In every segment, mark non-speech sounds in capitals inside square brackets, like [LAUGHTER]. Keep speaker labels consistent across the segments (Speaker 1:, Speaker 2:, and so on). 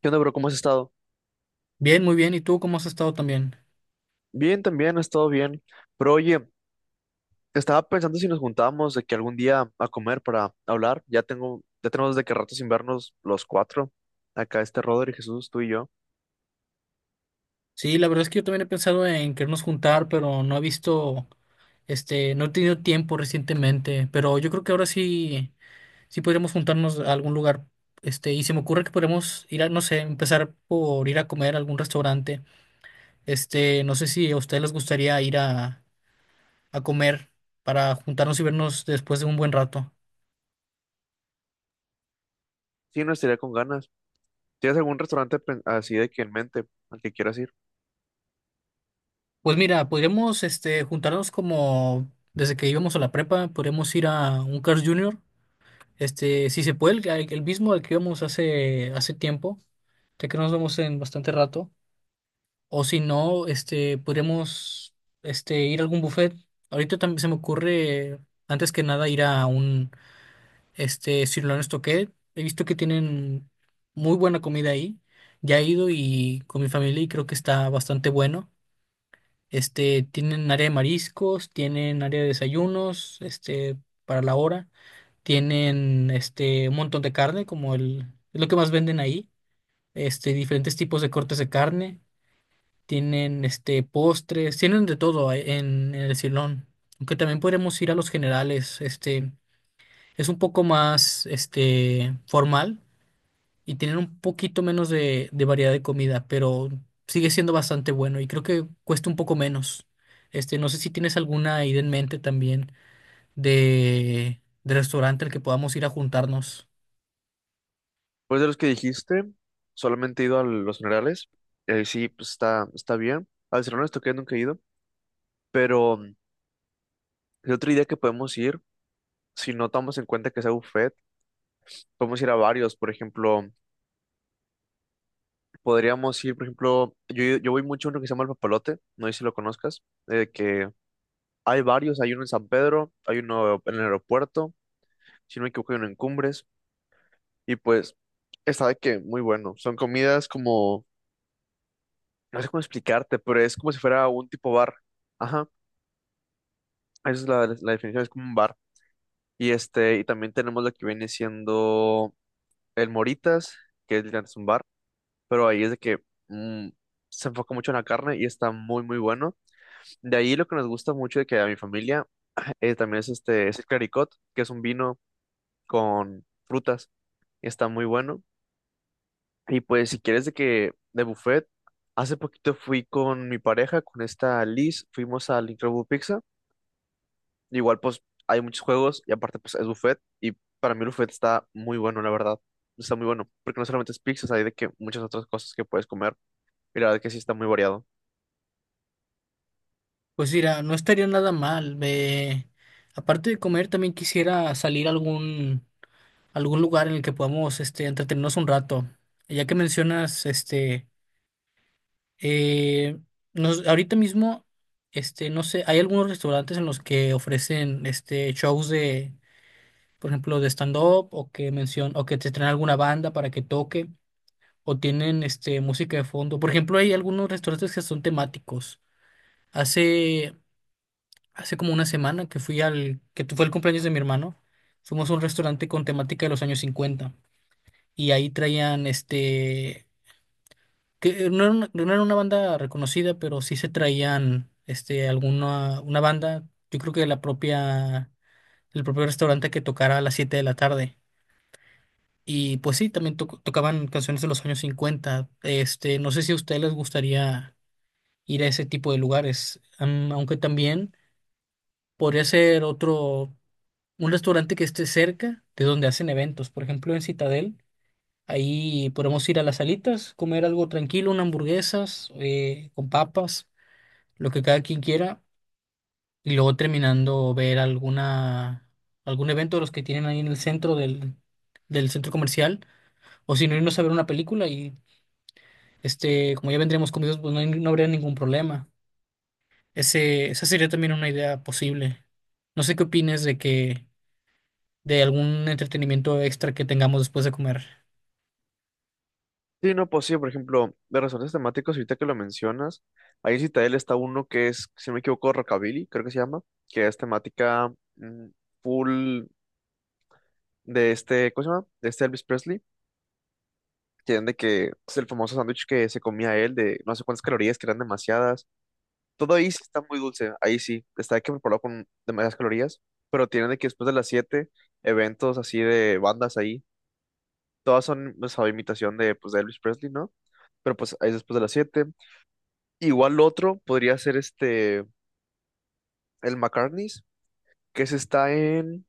Speaker 1: ¿Qué onda, bro? ¿Cómo has estado?
Speaker 2: Bien, muy bien. ¿Y tú cómo has estado también?
Speaker 1: Bien, también he estado bien. Pero oye, estaba pensando si nos juntábamos de que algún día a comer para hablar. Ya tenemos desde que rato sin vernos los cuatro. Acá este Rodri, Jesús, tú y yo.
Speaker 2: Sí, la verdad es que yo también he pensado en querernos juntar, pero no he visto, no he tenido tiempo recientemente. Pero yo creo que ahora sí, sí podríamos juntarnos a algún lugar. Y se me ocurre que podríamos ir a, no sé, empezar por ir a comer a algún restaurante. No sé si a ustedes les gustaría ir a comer para juntarnos y vernos después de un buen rato.
Speaker 1: Sí, nos estaría con ganas. ¿Tienes algún restaurante así de que en mente al que quieras ir?
Speaker 2: Pues mira, podríamos, juntarnos como desde que íbamos a la prepa, podríamos ir a un Carl's Jr. Si se puede, el mismo al que íbamos hace tiempo, ya que no nos vemos en bastante rato. O si no, podríamos ir a algún buffet. Ahorita también se me ocurre, antes que nada, ir a un Sirloin Stockade. He visto que tienen muy buena comida ahí. Ya he ido y con mi familia y creo que está bastante bueno. Tienen área de mariscos, tienen área de desayunos, para la hora. Tienen un montón de carne, como es lo que más venden ahí. Diferentes tipos de cortes de carne. Tienen postres, tienen de todo ahí en el Silón. Aunque también podemos ir a los generales. Es un poco más formal y tienen un poquito menos de variedad de comida, pero sigue siendo bastante bueno y creo que cuesta un poco menos. No sé si tienes alguna idea en mente también de restaurante al que podamos ir a juntarnos.
Speaker 1: Pues de los que dijiste, solamente he ido a los generales. Sí, pues está, está bien. Al Cerro esto que nunca he ido. Pero el otro día que podemos ir, si no tomamos en cuenta que sea buffet, podemos ir a varios. Por ejemplo. Podríamos ir, por ejemplo, yo voy mucho a uno que se llama El Papalote, no sé si lo conozcas, que hay varios, hay uno en San Pedro, hay uno en el aeropuerto, si no me equivoco hay uno en Cumbres, y pues está de que muy bueno, son comidas como, no sé cómo explicarte, pero es como si fuera un tipo bar, ajá, esa es la definición, es como un bar, y este, y también tenemos lo que viene siendo el Moritas, que es literalmente un bar, pero ahí es de que mm, se enfoca mucho en la carne y está muy, muy bueno. De ahí lo que nos gusta mucho de que a mi familia [CLEARS THROAT] también es este, es el Claricot, que es un vino con frutas, está muy bueno. Y pues si quieres de que de buffet, hace poquito fui con mi pareja, con esta Liz, fuimos al Incredible Pizza. Igual pues hay muchos juegos y aparte pues es buffet y para mí el buffet está muy bueno, la verdad. Está muy bueno, porque no solamente es pizzas, hay de que muchas otras cosas que puedes comer y la verdad que sí está muy variado.
Speaker 2: Pues mira, no estaría nada mal. Aparte de comer, también quisiera salir a algún lugar en el que podamos entretenernos un rato. Ya que mencionas, eh, ahorita mismo, no sé, hay algunos restaurantes en los que ofrecen shows de, por ejemplo, de stand-up o que o que te traen alguna banda para que toque o tienen música de fondo. Por ejemplo, hay algunos restaurantes que son temáticos. Hace Hace como una semana que fui fue el cumpleaños de mi hermano, fuimos a un restaurante con temática de los años 50 y ahí traían que no era una banda reconocida, pero sí se traían una banda, yo creo que el propio restaurante que tocara a las 7 de la tarde. Y pues sí, también tocaban canciones de los años 50. No sé si a ustedes les gustaría ir a ese tipo de lugares, aunque también podría ser otro. Un restaurante que esté cerca de donde hacen eventos. Por ejemplo, en Citadel, ahí podemos ir a las salitas, comer algo tranquilo, unas hamburguesas con papas, lo que cada quien quiera, y luego terminando ver alguna algún evento de los que tienen ahí en el centro del centro comercial, o si no irnos a ver una película y como ya vendríamos comidos, pues no, no habría ningún problema. Esa sería también una idea posible. No sé qué opines de algún entretenimiento extra que tengamos después de comer.
Speaker 1: Sí, no, pues sí, por ejemplo, de resortes temáticos, ahorita que lo mencionas, ahí en Citadel está uno que es, si no me equivoco, Rockabilly, creo que se llama, que es temática mm, full de este, ¿cómo se llama? De este Elvis Presley, que eran de que es el famoso sándwich que se comía él, de no sé cuántas calorías, que eran demasiadas. Todo ahí sí está muy dulce, ahí sí, está de que preparado con demasiadas calorías, pero tienen de que después de las 7 eventos así de bandas ahí, todas son, pues, a imitación de, pues, de Elvis Presley, ¿no? Pero pues ahí es después de las 7. Igual otro podría ser este, el McCartney's, que se está en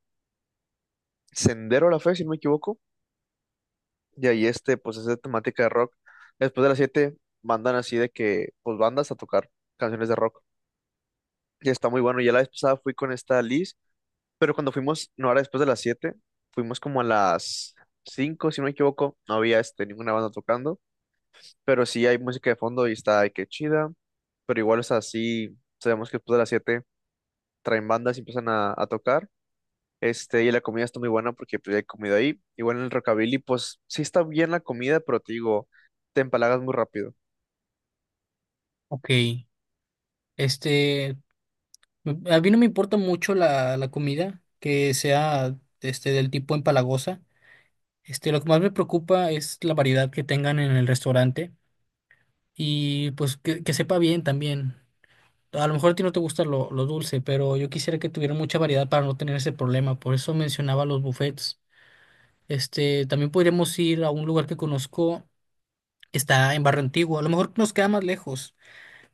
Speaker 1: Sendero a la Fe, si no me equivoco. Y ahí este, pues es de temática de rock. Después de las 7 mandan así de que, pues bandas a tocar canciones de rock. Y está muy bueno. Ya la vez pasada fui con esta Liz, pero cuando fuimos, no era después de las 7. Fuimos como a las 5 si no me equivoco. No había este, ninguna banda tocando, pero sí hay música de fondo y está, ay, qué chida. Pero igual es así, sabemos que después de las 7 traen bandas y empiezan a tocar. Este, y la comida está muy buena porque pues, ya he comido ahí. Igual en el Rockabilly, pues sí está bien la comida, pero te digo, te empalagas muy rápido.
Speaker 2: Ok, este, a mí no me importa mucho la comida que sea del tipo empalagosa. Lo que más me preocupa es la variedad que tengan en el restaurante y pues que sepa bien también. A lo mejor a ti no te gusta lo dulce, pero yo quisiera que tuvieran mucha variedad para no tener ese problema. Por eso mencionaba los buffets. También podríamos ir a un lugar que conozco, está en Barrio Antiguo. A lo mejor nos queda más lejos,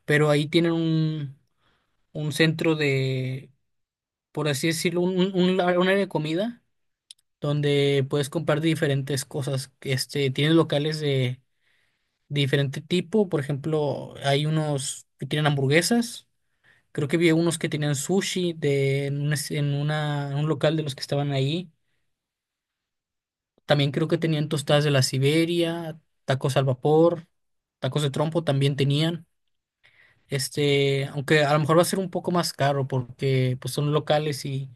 Speaker 2: pero ahí tienen un centro de, por así decirlo, un área de comida donde puedes comprar diferentes cosas. Tienes locales de diferente tipo, por ejemplo, hay unos que tienen hamburguesas, creo que vi unos que tenían sushi de, en, un, es- en una, en un local de los que estaban ahí. También creo que tenían tostadas de la Siberia, tacos al vapor, tacos de trompo también tenían. Aunque a lo mejor va a ser un poco más caro porque pues son locales y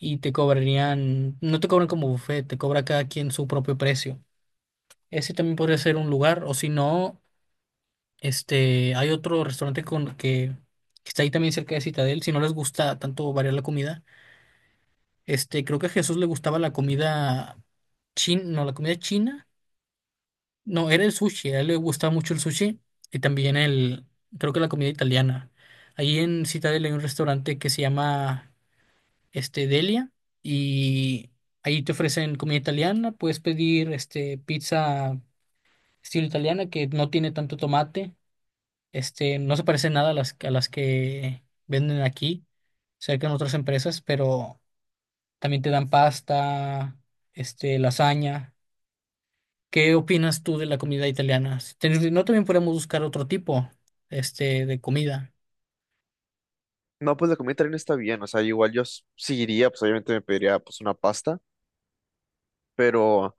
Speaker 2: y te cobrarían, no te cobran como buffet, te cobra cada quien su propio precio. Ese también podría ser un lugar, o si no, hay otro restaurante que está ahí también cerca de Citadel, si no les gusta tanto variar la comida. Creo que a Jesús le gustaba la comida china, no, la comida china, no, era el sushi, a él le gustaba mucho el sushi y también creo que la comida italiana. Ahí en Citadel hay un restaurante que se llama Delia, y ahí te ofrecen comida italiana, puedes pedir pizza estilo italiana que no tiene tanto tomate, no se parece nada a las que venden aquí, cerca en otras empresas, pero también te dan pasta, lasaña. ¿Qué opinas tú de la comida italiana? Si no, también podemos buscar otro tipo, de comida.
Speaker 1: No, pues la comida también está bien, o sea, igual yo sí iría, pues obviamente me pediría pues una pasta, pero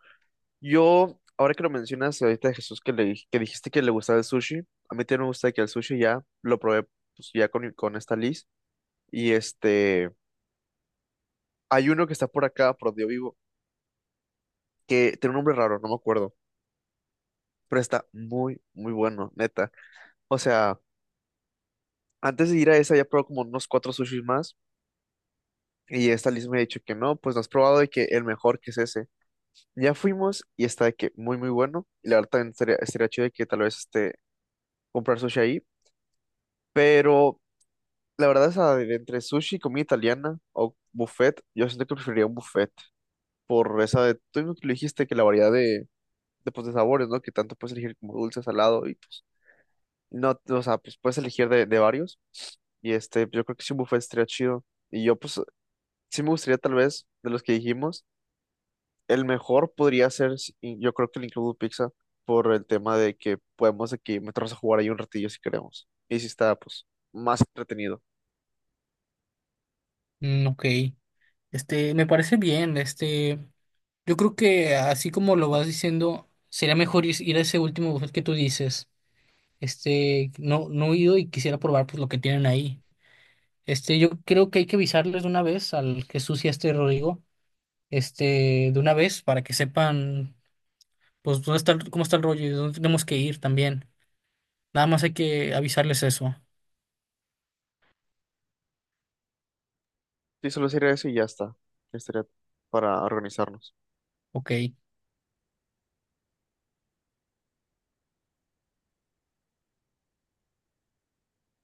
Speaker 1: yo, ahora que lo mencionas, ahorita Jesús que que dijiste que le gustaba el sushi, a mí también me gusta que el sushi ya lo probé pues ya con esta Liz, y este, hay uno que está por acá, por donde yo vivo, que tiene un nombre raro, no me acuerdo, pero está muy, muy bueno, neta. O sea. Antes de ir a esa ya probado como unos cuatro sushis más y esta Liz me ha dicho que no, pues no has probado y que el mejor que es ese. Ya fuimos y está de que muy muy bueno y la verdad también estaría chido de que tal vez este, comprar sushi ahí, pero la verdad de entre sushi y comida italiana o buffet, yo siento que preferiría un buffet por esa de, tú mismo que lo dijiste que la variedad de, pues, de sabores, ¿no? Que tanto puedes elegir como dulce, salado y pues, no, o sea, pues puedes elegir de varios y este, yo creo que si un buffet estaría chido. Y yo, pues, sí me gustaría tal vez, de los que dijimos, el mejor podría ser, y yo creo que el Incredible Pizza, por el tema de que podemos aquí meternos a jugar ahí un ratillo si queremos. Y si está, pues, más entretenido.
Speaker 2: Mm, ok. Me parece bien. Yo creo que así como lo vas diciendo, sería mejor ir a ese último buffet que tú dices. No, no he ido y quisiera probar pues lo que tienen ahí. Yo creo que hay que avisarles de una vez al Jesús y a este Rodrigo, de una vez para que sepan pues dónde está, cómo está el rollo y dónde tenemos que ir también. Nada más hay que avisarles eso.
Speaker 1: Sí, solo sería eso y ya está. Estaría para organizarnos.
Speaker 2: Ok.